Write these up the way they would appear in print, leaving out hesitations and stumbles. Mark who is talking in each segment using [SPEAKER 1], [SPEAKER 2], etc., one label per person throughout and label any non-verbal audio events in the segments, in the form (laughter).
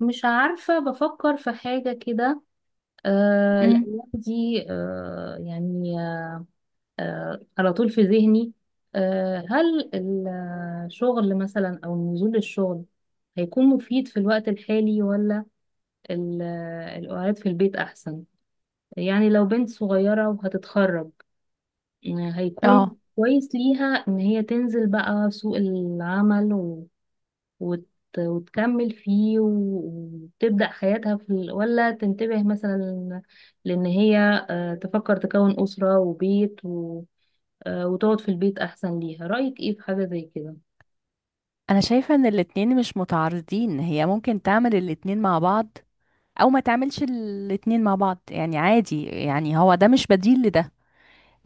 [SPEAKER 1] مش عارفة بفكر في حاجة كده.
[SPEAKER 2] امم
[SPEAKER 1] الأيام دي يعني. على طول في ذهني. هل الشغل مثلا أو نزول الشغل هيكون مفيد في الوقت الحالي، ولا ال- القعاد في البيت أحسن؟ يعني لو بنت صغيرة وهتتخرج، هيكون
[SPEAKER 2] اه،
[SPEAKER 1] كويس ليها إن هي تنزل بقى سوق العمل، وت... وتكمل فيه، وتبدأ حياتها في ولا تنتبه مثلا لأن هي تفكر تكون أسرة وبيت وتقعد في البيت أحسن ليها. رأيك إيه في حاجة زي كده؟
[SPEAKER 2] انا شايفه ان الاتنين مش متعارضين، هي ممكن تعمل الاتنين مع بعض او ما تعملش الاتنين مع بعض، يعني عادي. يعني هو ده مش بديل لده،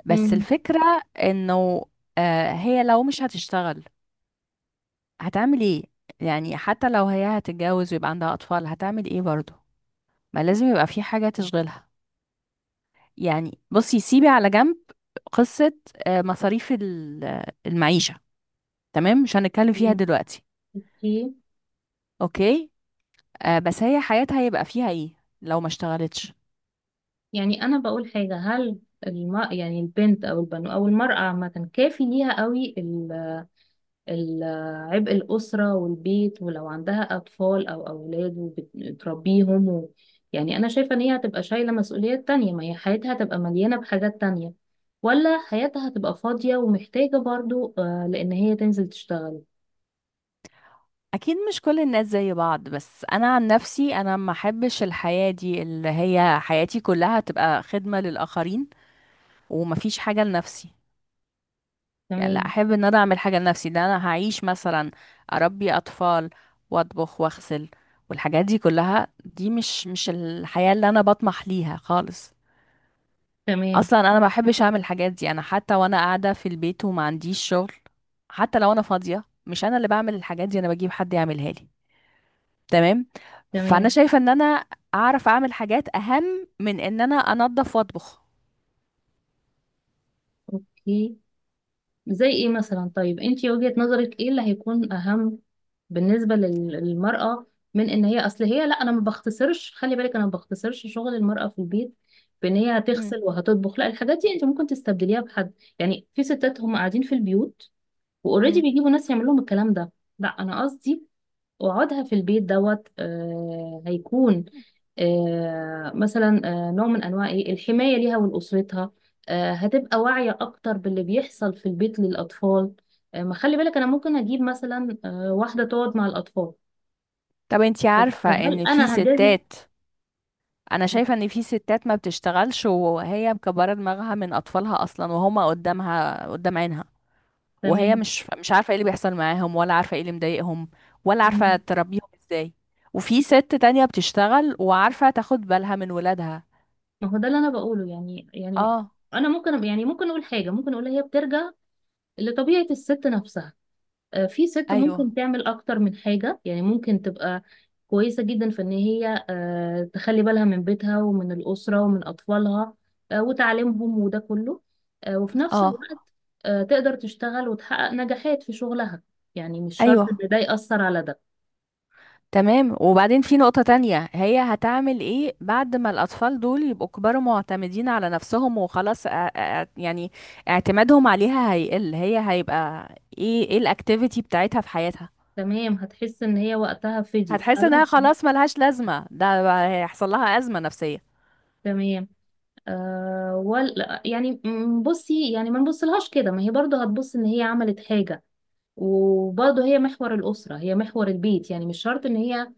[SPEAKER 2] بس
[SPEAKER 1] امم.
[SPEAKER 2] الفكره انه هي لو مش هتشتغل هتعمل ايه؟ يعني حتى لو هي هتتجوز ويبقى عندها اطفال هتعمل ايه برضه؟ ما لازم يبقى في حاجه تشغلها. يعني بصي، سيبي على جنب قصه مصاريف المعيشه، تمام، مش هنتكلم فيها
[SPEAKER 1] تمام.
[SPEAKER 2] دلوقتي.
[SPEAKER 1] اوكي.
[SPEAKER 2] اوكي. بس هي حياتها هيبقى فيها ايه لو ما اشتغلتش؟
[SPEAKER 1] يعني انا بقول حاجه. هل يعني البنت او المراه عامه كافي ليها قوي ال- عبء الأسرة والبيت؟ ولو عندها أطفال أو أولاد وبتربيهم يعني أنا شايفة إن هي هتبقى شايلة مسؤوليات تانية، ما هي حياتها هتبقى مليانة بحاجات تانية، ولا حياتها هتبقى فاضية ومحتاجة برضو لأن هي تنزل تشتغل؟
[SPEAKER 2] اكيد مش كل الناس زي بعض، بس انا عن نفسي انا ما احبش الحياة دي اللي هي حياتي كلها تبقى خدمة للاخرين ومفيش حاجة لنفسي. يعني لا
[SPEAKER 1] تمام.
[SPEAKER 2] احب ان انا اعمل حاجة لنفسي، ده انا هعيش مثلا اربي اطفال واطبخ واغسل، والحاجات دي كلها دي مش الحياة اللي انا بطمح ليها خالص.
[SPEAKER 1] تمام.
[SPEAKER 2] اصلا انا ما بحبش اعمل الحاجات دي، انا حتى وانا قاعده في البيت وما عنديش شغل، حتى لو انا فاضيه مش انا اللي بعمل الحاجات دي، انا بجيب حد يعملها لي. تمام. فانا
[SPEAKER 1] تمام.
[SPEAKER 2] شايفه ان انا اعرف اعمل حاجات اهم من ان انا انظف واطبخ.
[SPEAKER 1] أوكي. زي إيه مثلا؟ طيب أنتي، وجهة نظرك إيه اللي هيكون أهم بالنسبة للمرأة؟ من ان هي اصل هي، لا، انا ما بختصرش، خلي بالك انا ما بختصرش شغل المرأة في البيت بان هي
[SPEAKER 2] مم.
[SPEAKER 1] هتغسل وهتطبخ، لا، الحاجات دي انت ممكن تستبدليها بحد. يعني في ستات هم قاعدين في البيوت واوريدي
[SPEAKER 2] مم.
[SPEAKER 1] بيجيبوا ناس يعمل لهم الكلام ده. لا، انا قصدي وقعدها في البيت دوت هيكون مثلا نوع من انواع ايه الحمايه ليها ولاسرتها. هتبقى واعيه اكتر باللي بيحصل في البيت للاطفال. ما خلي بالك انا ممكن اجيب مثلا واحده تقعد مع الاطفال،
[SPEAKER 2] طب انتي
[SPEAKER 1] بس
[SPEAKER 2] عارفه
[SPEAKER 1] هل
[SPEAKER 2] ان في
[SPEAKER 1] انا هجازف؟
[SPEAKER 2] ستات، انا شايفه ان في ستات ما بتشتغلش وهي مكبره دماغها من اطفالها اصلا وهما قدامها قدام عينها، وهي
[SPEAKER 1] تمام.
[SPEAKER 2] مش عارفه ايه اللي بيحصل معاهم ولا عارفه ايه اللي مضايقهم ولا عارفه
[SPEAKER 1] مم.
[SPEAKER 2] تربيهم ازاي. وفي ست تانية بتشتغل وعارفه تاخد بالها من ولادها.
[SPEAKER 1] ما هو ده اللي انا بقوله، يعني
[SPEAKER 2] اه.
[SPEAKER 1] انا ممكن، يعني ممكن اقول حاجه، ممكن اقول هي بترجع لطبيعه الست نفسها. في ست
[SPEAKER 2] ايوه.
[SPEAKER 1] ممكن تعمل اكتر من حاجة، يعني ممكن تبقى كويسة جدا في ان هي تخلي بالها من بيتها ومن الأسرة ومن أطفالها وتعليمهم وده كله، وفي نفس
[SPEAKER 2] اه.
[SPEAKER 1] الوقت تقدر تشتغل وتحقق نجاحات في شغلها. يعني مش شرط ان
[SPEAKER 2] ايوه.
[SPEAKER 1] ده يأثر على ده.
[SPEAKER 2] تمام، وبعدين في نقطة تانية، هي هتعمل ايه بعد ما الأطفال دول يبقوا كبروا معتمدين على نفسهم وخلاص؟ يعني اعتمادهم عليها هيقل، هي هيبقى ايه؟ ايه الاكتيفيتي بتاعتها في حياتها؟
[SPEAKER 1] تمام، هتحس ان هي وقتها فدي
[SPEAKER 2] هتحس انها
[SPEAKER 1] فعلا.
[SPEAKER 2] خلاص ملهاش لازمة، ده بقى هيحصل لها أزمة نفسية.
[SPEAKER 1] تمام. ولا يعني بصي، يعني ما نبصلهاش كده، ما هي برضه هتبص ان هي عملت حاجة، وبرضه هي محور الأسرة، هي محور البيت. يعني مش شرط إن هي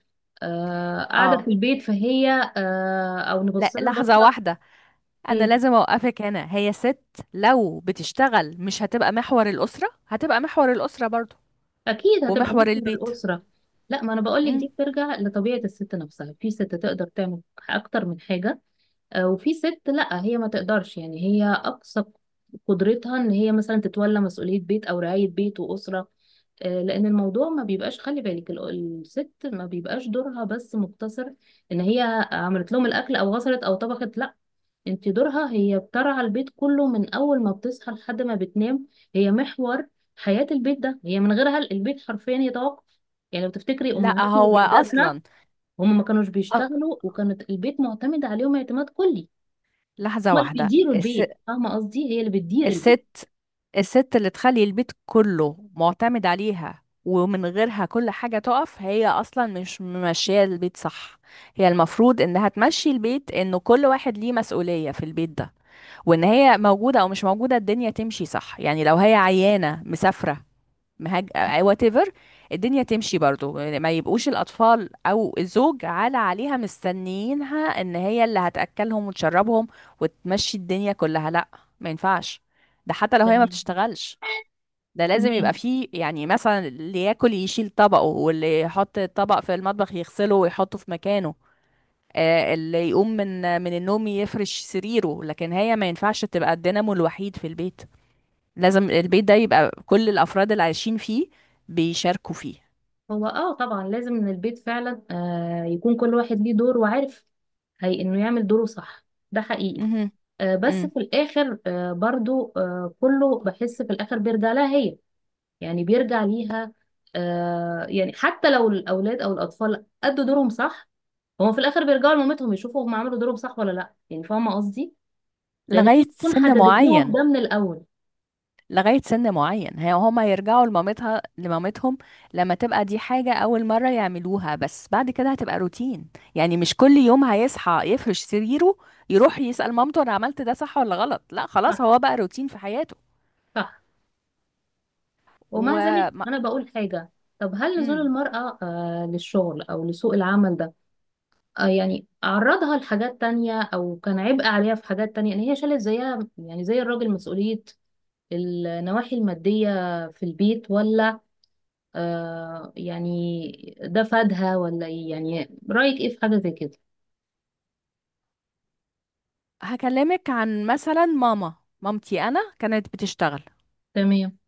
[SPEAKER 1] قاعدة في
[SPEAKER 2] اه.
[SPEAKER 1] البيت فهي أو
[SPEAKER 2] لا،
[SPEAKER 1] نبص لها
[SPEAKER 2] لحظة
[SPEAKER 1] البصة.
[SPEAKER 2] واحدة، أنا
[SPEAKER 1] أوكي.
[SPEAKER 2] لازم أوقفك هنا. هي ست لو بتشتغل مش هتبقى محور الأسرة؟ هتبقى محور الأسرة برضو
[SPEAKER 1] أكيد هتبقى
[SPEAKER 2] ومحور
[SPEAKER 1] محور
[SPEAKER 2] البيت.
[SPEAKER 1] الأسرة. لا، ما أنا بقول لك
[SPEAKER 2] مم.
[SPEAKER 1] دي بترجع لطبيعة الست نفسها. في ست تقدر تعمل أكتر من حاجة، وفي ست لا، هي ما تقدرش. يعني هي اقصى قدرتها ان هي مثلا تتولى مسؤولية بيت او رعاية بيت واسرة، لان الموضوع ما بيبقاش. خلي بالك الست ما بيبقاش دورها بس مقتصر ان هي عملت لهم الاكل او غسلت او طبخت، لا، انت دورها، هي بترعى البيت كله من اول ما بتصحى لحد ما بتنام. هي محور حياة البيت ده، هي من غيرها البيت حرفيا يتوقف. يعني لو تفتكري
[SPEAKER 2] لا
[SPEAKER 1] امهاتنا
[SPEAKER 2] هو
[SPEAKER 1] وجداتنا،
[SPEAKER 2] أصلا،
[SPEAKER 1] هم ما كانوش
[SPEAKER 2] أ-
[SPEAKER 1] بيشتغلوا وكانت البيت معتمد عليهم اعتماد كلي.
[SPEAKER 2] لحظة
[SPEAKER 1] هما اللي
[SPEAKER 2] واحدة،
[SPEAKER 1] بيديروا البيت، فاهمة قصدي، هي اللي بتدير البيت.
[SPEAKER 2] الست، الست اللي تخلي البيت كله معتمد عليها ومن غيرها كل حاجة تقف، هي أصلا مش ماشية البيت صح. هي المفروض إنها تمشي البيت، إنه كل واحد ليه مسؤولية في البيت ده، وإن هي موجودة أو مش موجودة الدنيا تمشي صح. يعني لو هي عيانة، مسافرة، مهاج، وات ايفر، الدنيا تمشي برضو. ما يبقوش الاطفال او الزوج عليها مستنيينها ان هي اللي هتاكلهم وتشربهم وتمشي الدنيا كلها. لا، ما ينفعش. ده حتى لو هي ما
[SPEAKER 1] تمام.
[SPEAKER 2] بتشتغلش ده لازم
[SPEAKER 1] تمام.
[SPEAKER 2] يبقى فيه، يعني مثلا اللي ياكل يشيل طبقه، واللي يحط الطبق في المطبخ يغسله ويحطه في مكانه، اللي يقوم من النوم يفرش سريره. لكن هي ما ينفعش تبقى الدينامو الوحيد في البيت، لازم البيت ده يبقى كل الافراد اللي عايشين فيه بيشاركوا فيه.
[SPEAKER 1] هو طبعا لازم ان البيت فعلا يكون كل واحد ليه دور وعارف هي انه يعمل دوره، صح. ده حقيقي.
[SPEAKER 2] مهم.
[SPEAKER 1] بس
[SPEAKER 2] مم.
[SPEAKER 1] في الاخر، برضو، كله بحس في الاخر بيرجع لها هي. يعني بيرجع ليها. يعني حتى لو الاولاد او الاطفال ادوا دورهم صح، هما في الاخر بيرجعوا لمامتهم يشوفوا هم عملوا دورهم صح ولا لا. يعني فاهمة قصدي، لان هي
[SPEAKER 2] لغايه
[SPEAKER 1] بتكون
[SPEAKER 2] سن
[SPEAKER 1] حددت لهم
[SPEAKER 2] معين،
[SPEAKER 1] ده من الاول.
[SPEAKER 2] لغايه سن معين هي هما يرجعوا لمامتها لمامتهم لما تبقى دي حاجه اول مره يعملوها، بس بعد كده هتبقى روتين. يعني مش كل يوم هيصحى يفرش سريره يروح يسال مامته انا عملت ده صح ولا غلط، لا خلاص
[SPEAKER 1] صح.
[SPEAKER 2] هو بقى روتين في حياته.
[SPEAKER 1] صح. ومع
[SPEAKER 2] و
[SPEAKER 1] ذلك
[SPEAKER 2] ما-
[SPEAKER 1] أنا بقول حاجة. طب هل نزول
[SPEAKER 2] مم.
[SPEAKER 1] المرأة للشغل أو لسوق العمل ده يعني عرضها لحاجات تانية، أو كان عبء عليها في حاجات تانية إن هي شالت زيها، يعني زي الراجل، مسؤولية النواحي المادية في البيت؟ ولا يعني ده فادها ولا إيه؟ يعني رأيك إيه في حاجة زي كده؟
[SPEAKER 2] هكلمك عن مثلا ماما، مامتي انا كانت بتشتغل
[SPEAKER 1] تمام.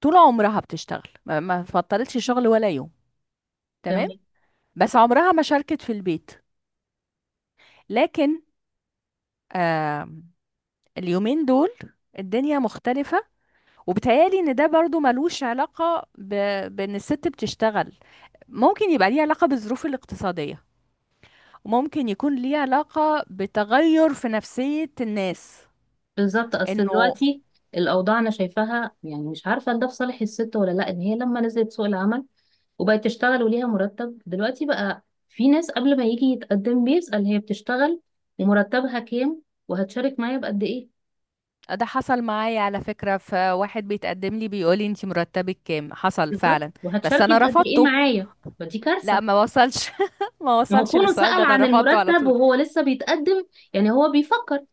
[SPEAKER 2] طول عمرها، بتشتغل ما فطرتش شغل ولا يوم،
[SPEAKER 1] تمام.
[SPEAKER 2] تمام، بس عمرها ما شاركت في البيت. لكن آه اليومين دول الدنيا مختلفة، وبتهيألي ان ده برضو ملوش علاقة بان الست بتشتغل. ممكن يبقى ليه علاقة بالظروف الاقتصادية، وممكن يكون ليه علاقة بتغير في نفسية الناس.
[SPEAKER 1] بالظبط. أصل
[SPEAKER 2] انه
[SPEAKER 1] دلوقتي الأوضاع أنا شايفاها، يعني مش عارفة ده في صالح الست ولا لأ، إن هي لما نزلت سوق العمل وبقت تشتغل وليها مرتب. دلوقتي بقى في ناس قبل ما يجي يتقدم بيسأل: هي بتشتغل؟ ومرتبها كام؟ وهتشارك معايا بقد ايه؟
[SPEAKER 2] ده حصل معايا على فكرة، فواحد بيتقدم لي بيقول لي انتي مرتبك كام، حصل
[SPEAKER 1] بالظبط.
[SPEAKER 2] فعلا. بس
[SPEAKER 1] وهتشاركي
[SPEAKER 2] انا
[SPEAKER 1] بقد ايه
[SPEAKER 2] رفضته.
[SPEAKER 1] معايا؟ فدي كارثة.
[SPEAKER 2] لا، ما وصلش (laughs) ما
[SPEAKER 1] ما هو
[SPEAKER 2] وصلش
[SPEAKER 1] كونه
[SPEAKER 2] للسؤال ده،
[SPEAKER 1] سأل
[SPEAKER 2] انا
[SPEAKER 1] عن
[SPEAKER 2] رفضته على
[SPEAKER 1] المرتب
[SPEAKER 2] طول.
[SPEAKER 1] وهو لسه بيتقدم، يعني هو بيفكر،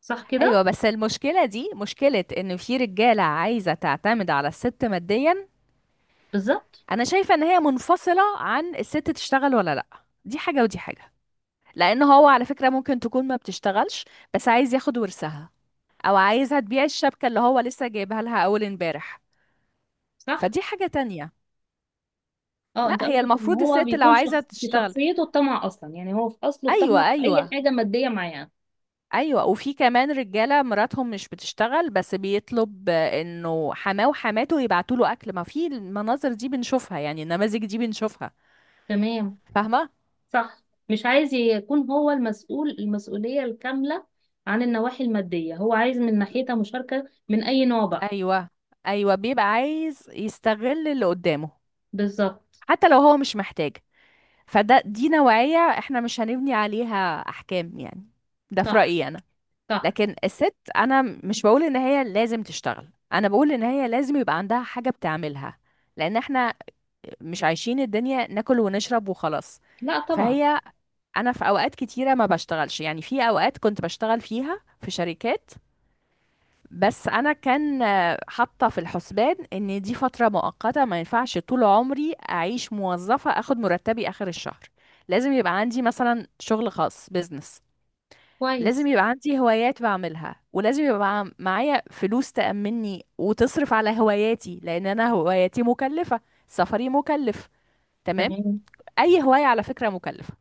[SPEAKER 1] صح
[SPEAKER 2] ايوه،
[SPEAKER 1] كده؟
[SPEAKER 2] بس المشكله دي مشكله ان في رجاله عايزه تعتمد على الست ماديا.
[SPEAKER 1] بالظبط.
[SPEAKER 2] انا شايفه ان هي منفصله عن الست تشتغل ولا لا، دي حاجه ودي حاجه. لان هو على فكره ممكن تكون ما بتشتغلش بس عايز ياخد ورثها، او عايزها تبيع الشبكه اللي هو لسه جايبها لها اول امبارح.
[SPEAKER 1] صح.
[SPEAKER 2] فدي حاجه تانية.
[SPEAKER 1] اه،
[SPEAKER 2] لا
[SPEAKER 1] انت
[SPEAKER 2] هي
[SPEAKER 1] قصدك ان
[SPEAKER 2] المفروض
[SPEAKER 1] هو
[SPEAKER 2] الست لو
[SPEAKER 1] بيكون
[SPEAKER 2] عايزه
[SPEAKER 1] شخص في
[SPEAKER 2] تشتغل،
[SPEAKER 1] شخصيته الطمع اصلا، يعني هو في اصله
[SPEAKER 2] ايوه،
[SPEAKER 1] الطمع في اي
[SPEAKER 2] ايوه،
[SPEAKER 1] حاجة مادية معايا.
[SPEAKER 2] ايوه، وفي كمان رجاله مراتهم مش بتشتغل بس بيطلب انه حماه وحماته يبعتوا له اكل، ما في المناظر دي بنشوفها، يعني النماذج دي بنشوفها.
[SPEAKER 1] تمام.
[SPEAKER 2] فاهمه.
[SPEAKER 1] صح. مش عايز يكون هو المسؤول المسؤولية الكاملة عن النواحي المادية، هو عايز من ناحيتها مشاركة من أي نوع بقى.
[SPEAKER 2] ايوه، ايوه، بيبقى عايز يستغل اللي قدامه
[SPEAKER 1] بالظبط.
[SPEAKER 2] حتى لو هو مش محتاج. فده دي نوعيه احنا مش هنبني عليها احكام يعني، ده في
[SPEAKER 1] صح.
[SPEAKER 2] رايي انا.
[SPEAKER 1] صح.
[SPEAKER 2] لكن الست، انا مش بقول ان هي لازم تشتغل، انا بقول ان هي لازم يبقى عندها حاجه بتعملها، لان احنا مش عايشين الدنيا ناكل ونشرب وخلاص.
[SPEAKER 1] لا طبعا.
[SPEAKER 2] فهي، انا في اوقات كتيره ما بشتغلش، يعني في اوقات كنت بشتغل فيها في شركات، بس انا كان حاطه في الحسبان ان دي فتره مؤقته، ما ينفعش طول عمري اعيش موظفه اخد مرتبي اخر الشهر. لازم يبقى عندي مثلا شغل خاص، بيزنس، لازم
[SPEAKER 1] كويس.
[SPEAKER 2] يبقى عندي هوايات بعملها، ولازم يبقى معايا فلوس تأمني وتصرف على هواياتي، لان انا هواياتي مكلفه، سفري مكلف، تمام،
[SPEAKER 1] تمام.
[SPEAKER 2] اي هواية على فكرة مكلفة.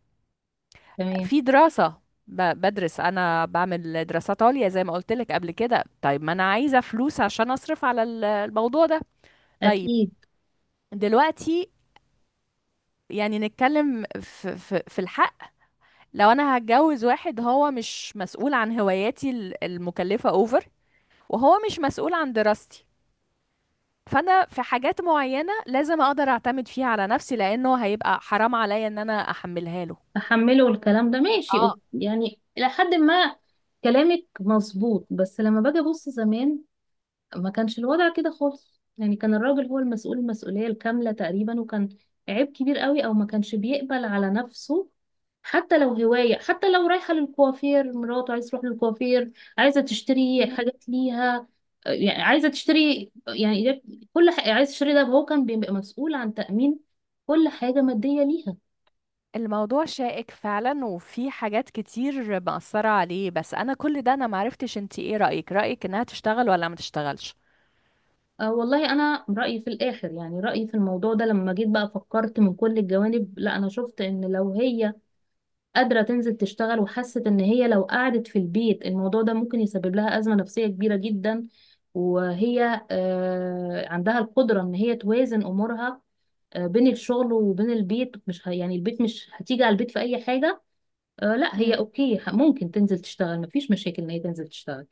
[SPEAKER 1] تمام.
[SPEAKER 2] في دراسة، بدرس، انا بعمل دراسات عليا زي ما قلت لك قبل كده، طيب ما انا عايزة فلوس عشان اصرف على الموضوع ده. طيب،
[SPEAKER 1] أكيد.
[SPEAKER 2] دلوقتي يعني نتكلم في الحق، لو انا هتجوز واحد هو مش مسؤول عن هواياتي المكلفة اوفر، وهو مش مسؤول عن دراستي، فانا في حاجات معينة لازم اقدر اعتمد فيها على نفسي، لانه هيبقى حرام عليا ان انا احملها له.
[SPEAKER 1] أحمله الكلام ده ماشي،
[SPEAKER 2] اه،
[SPEAKER 1] يعني إلى حد ما. كلامك مظبوط، بس لما باجي أبص زمان، ما كانش الوضع كده خالص. يعني كان الراجل هو المسؤول المسؤولية الكاملة تقريبا، وكان عيب كبير قوي او ما كانش بيقبل على نفسه حتى لو هواية، حتى لو رايحة للكوافير، مراته عايز تروح للكوافير، عايزة تشتري حاجات ليها، يعني عايزة تشتري، يعني كل حاجة عايز تشتري ده، هو كان بيبقى مسؤول عن تأمين كل حاجة مادية ليها.
[SPEAKER 2] الموضوع شائك فعلا وفي حاجات كتير مأثرة عليه، بس أنا كل ده أنا معرفتش انتي ايه رأيك، رأيك إنها تشتغل ولا ما تشتغلش؟
[SPEAKER 1] أه والله أنا رأيي في الآخر، يعني رأيي في الموضوع ده لما جيت بقى فكرت من كل الجوانب، لا أنا شفت إن لو هي قادرة تنزل تشتغل، وحست ان هي لو قعدت في البيت الموضوع ده ممكن يسبب لها أزمة نفسية كبيرة جدا، وهي عندها القدرة ان هي توازن امورها بين الشغل وبين البيت، مش يعني البيت مش هتيجي على البيت في اي حاجة، لا هي
[SPEAKER 2] مم.
[SPEAKER 1] اوكي، ممكن تنزل تشتغل، مفيش مشاكل ان هي تنزل تشتغل.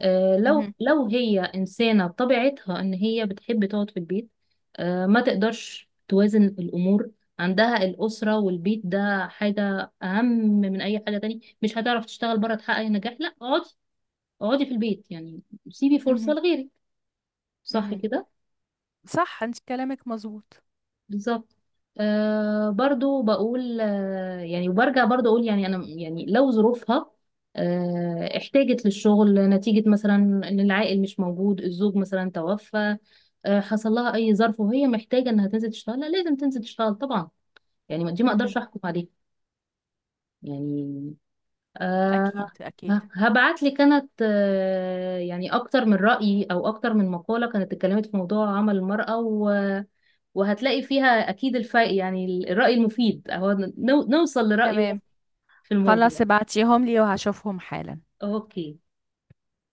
[SPEAKER 1] لو
[SPEAKER 2] مهم.
[SPEAKER 1] هي انسانه بطبيعتها ان هي بتحب تقعد في البيت، ما تقدرش توازن الامور عندها الاسره والبيت، ده حاجه اهم من اي حاجه تانية، مش هتعرف تشتغل بره تحقق نجاح، لا، اقعدي اقعدي في البيت. يعني سيبي فرصه
[SPEAKER 2] مهم.
[SPEAKER 1] لغيرك. صح
[SPEAKER 2] مهم.
[SPEAKER 1] كده؟
[SPEAKER 2] صح، انت كلامك مظبوط.
[SPEAKER 1] بالظبط. برضو بقول، يعني وبرجع برضو اقول، يعني انا يعني لو ظروفها احتاجت للشغل نتيجة مثلا ان العائل مش موجود، الزوج مثلا توفى، حصل لها اي ظرف وهي محتاجة انها تنزل تشتغل، لا لازم تنزل تشتغل طبعا. يعني دي ما اقدرش
[SPEAKER 2] مهم.
[SPEAKER 1] احكم عليها. يعني آه
[SPEAKER 2] أكيد، أكيد،
[SPEAKER 1] هبعت لي، كانت يعني اكتر من رأي او اكتر من مقالة كانت اتكلمت في موضوع عمل المرأة، و وهتلاقي فيها اكيد الفائق، يعني الرأي المفيد اهو، نوصل لرأيه
[SPEAKER 2] تمام،
[SPEAKER 1] في
[SPEAKER 2] خلاص
[SPEAKER 1] الموضوع.
[SPEAKER 2] ابعتيهم لي وهشوفهم حالا.
[SPEAKER 1] اوكي.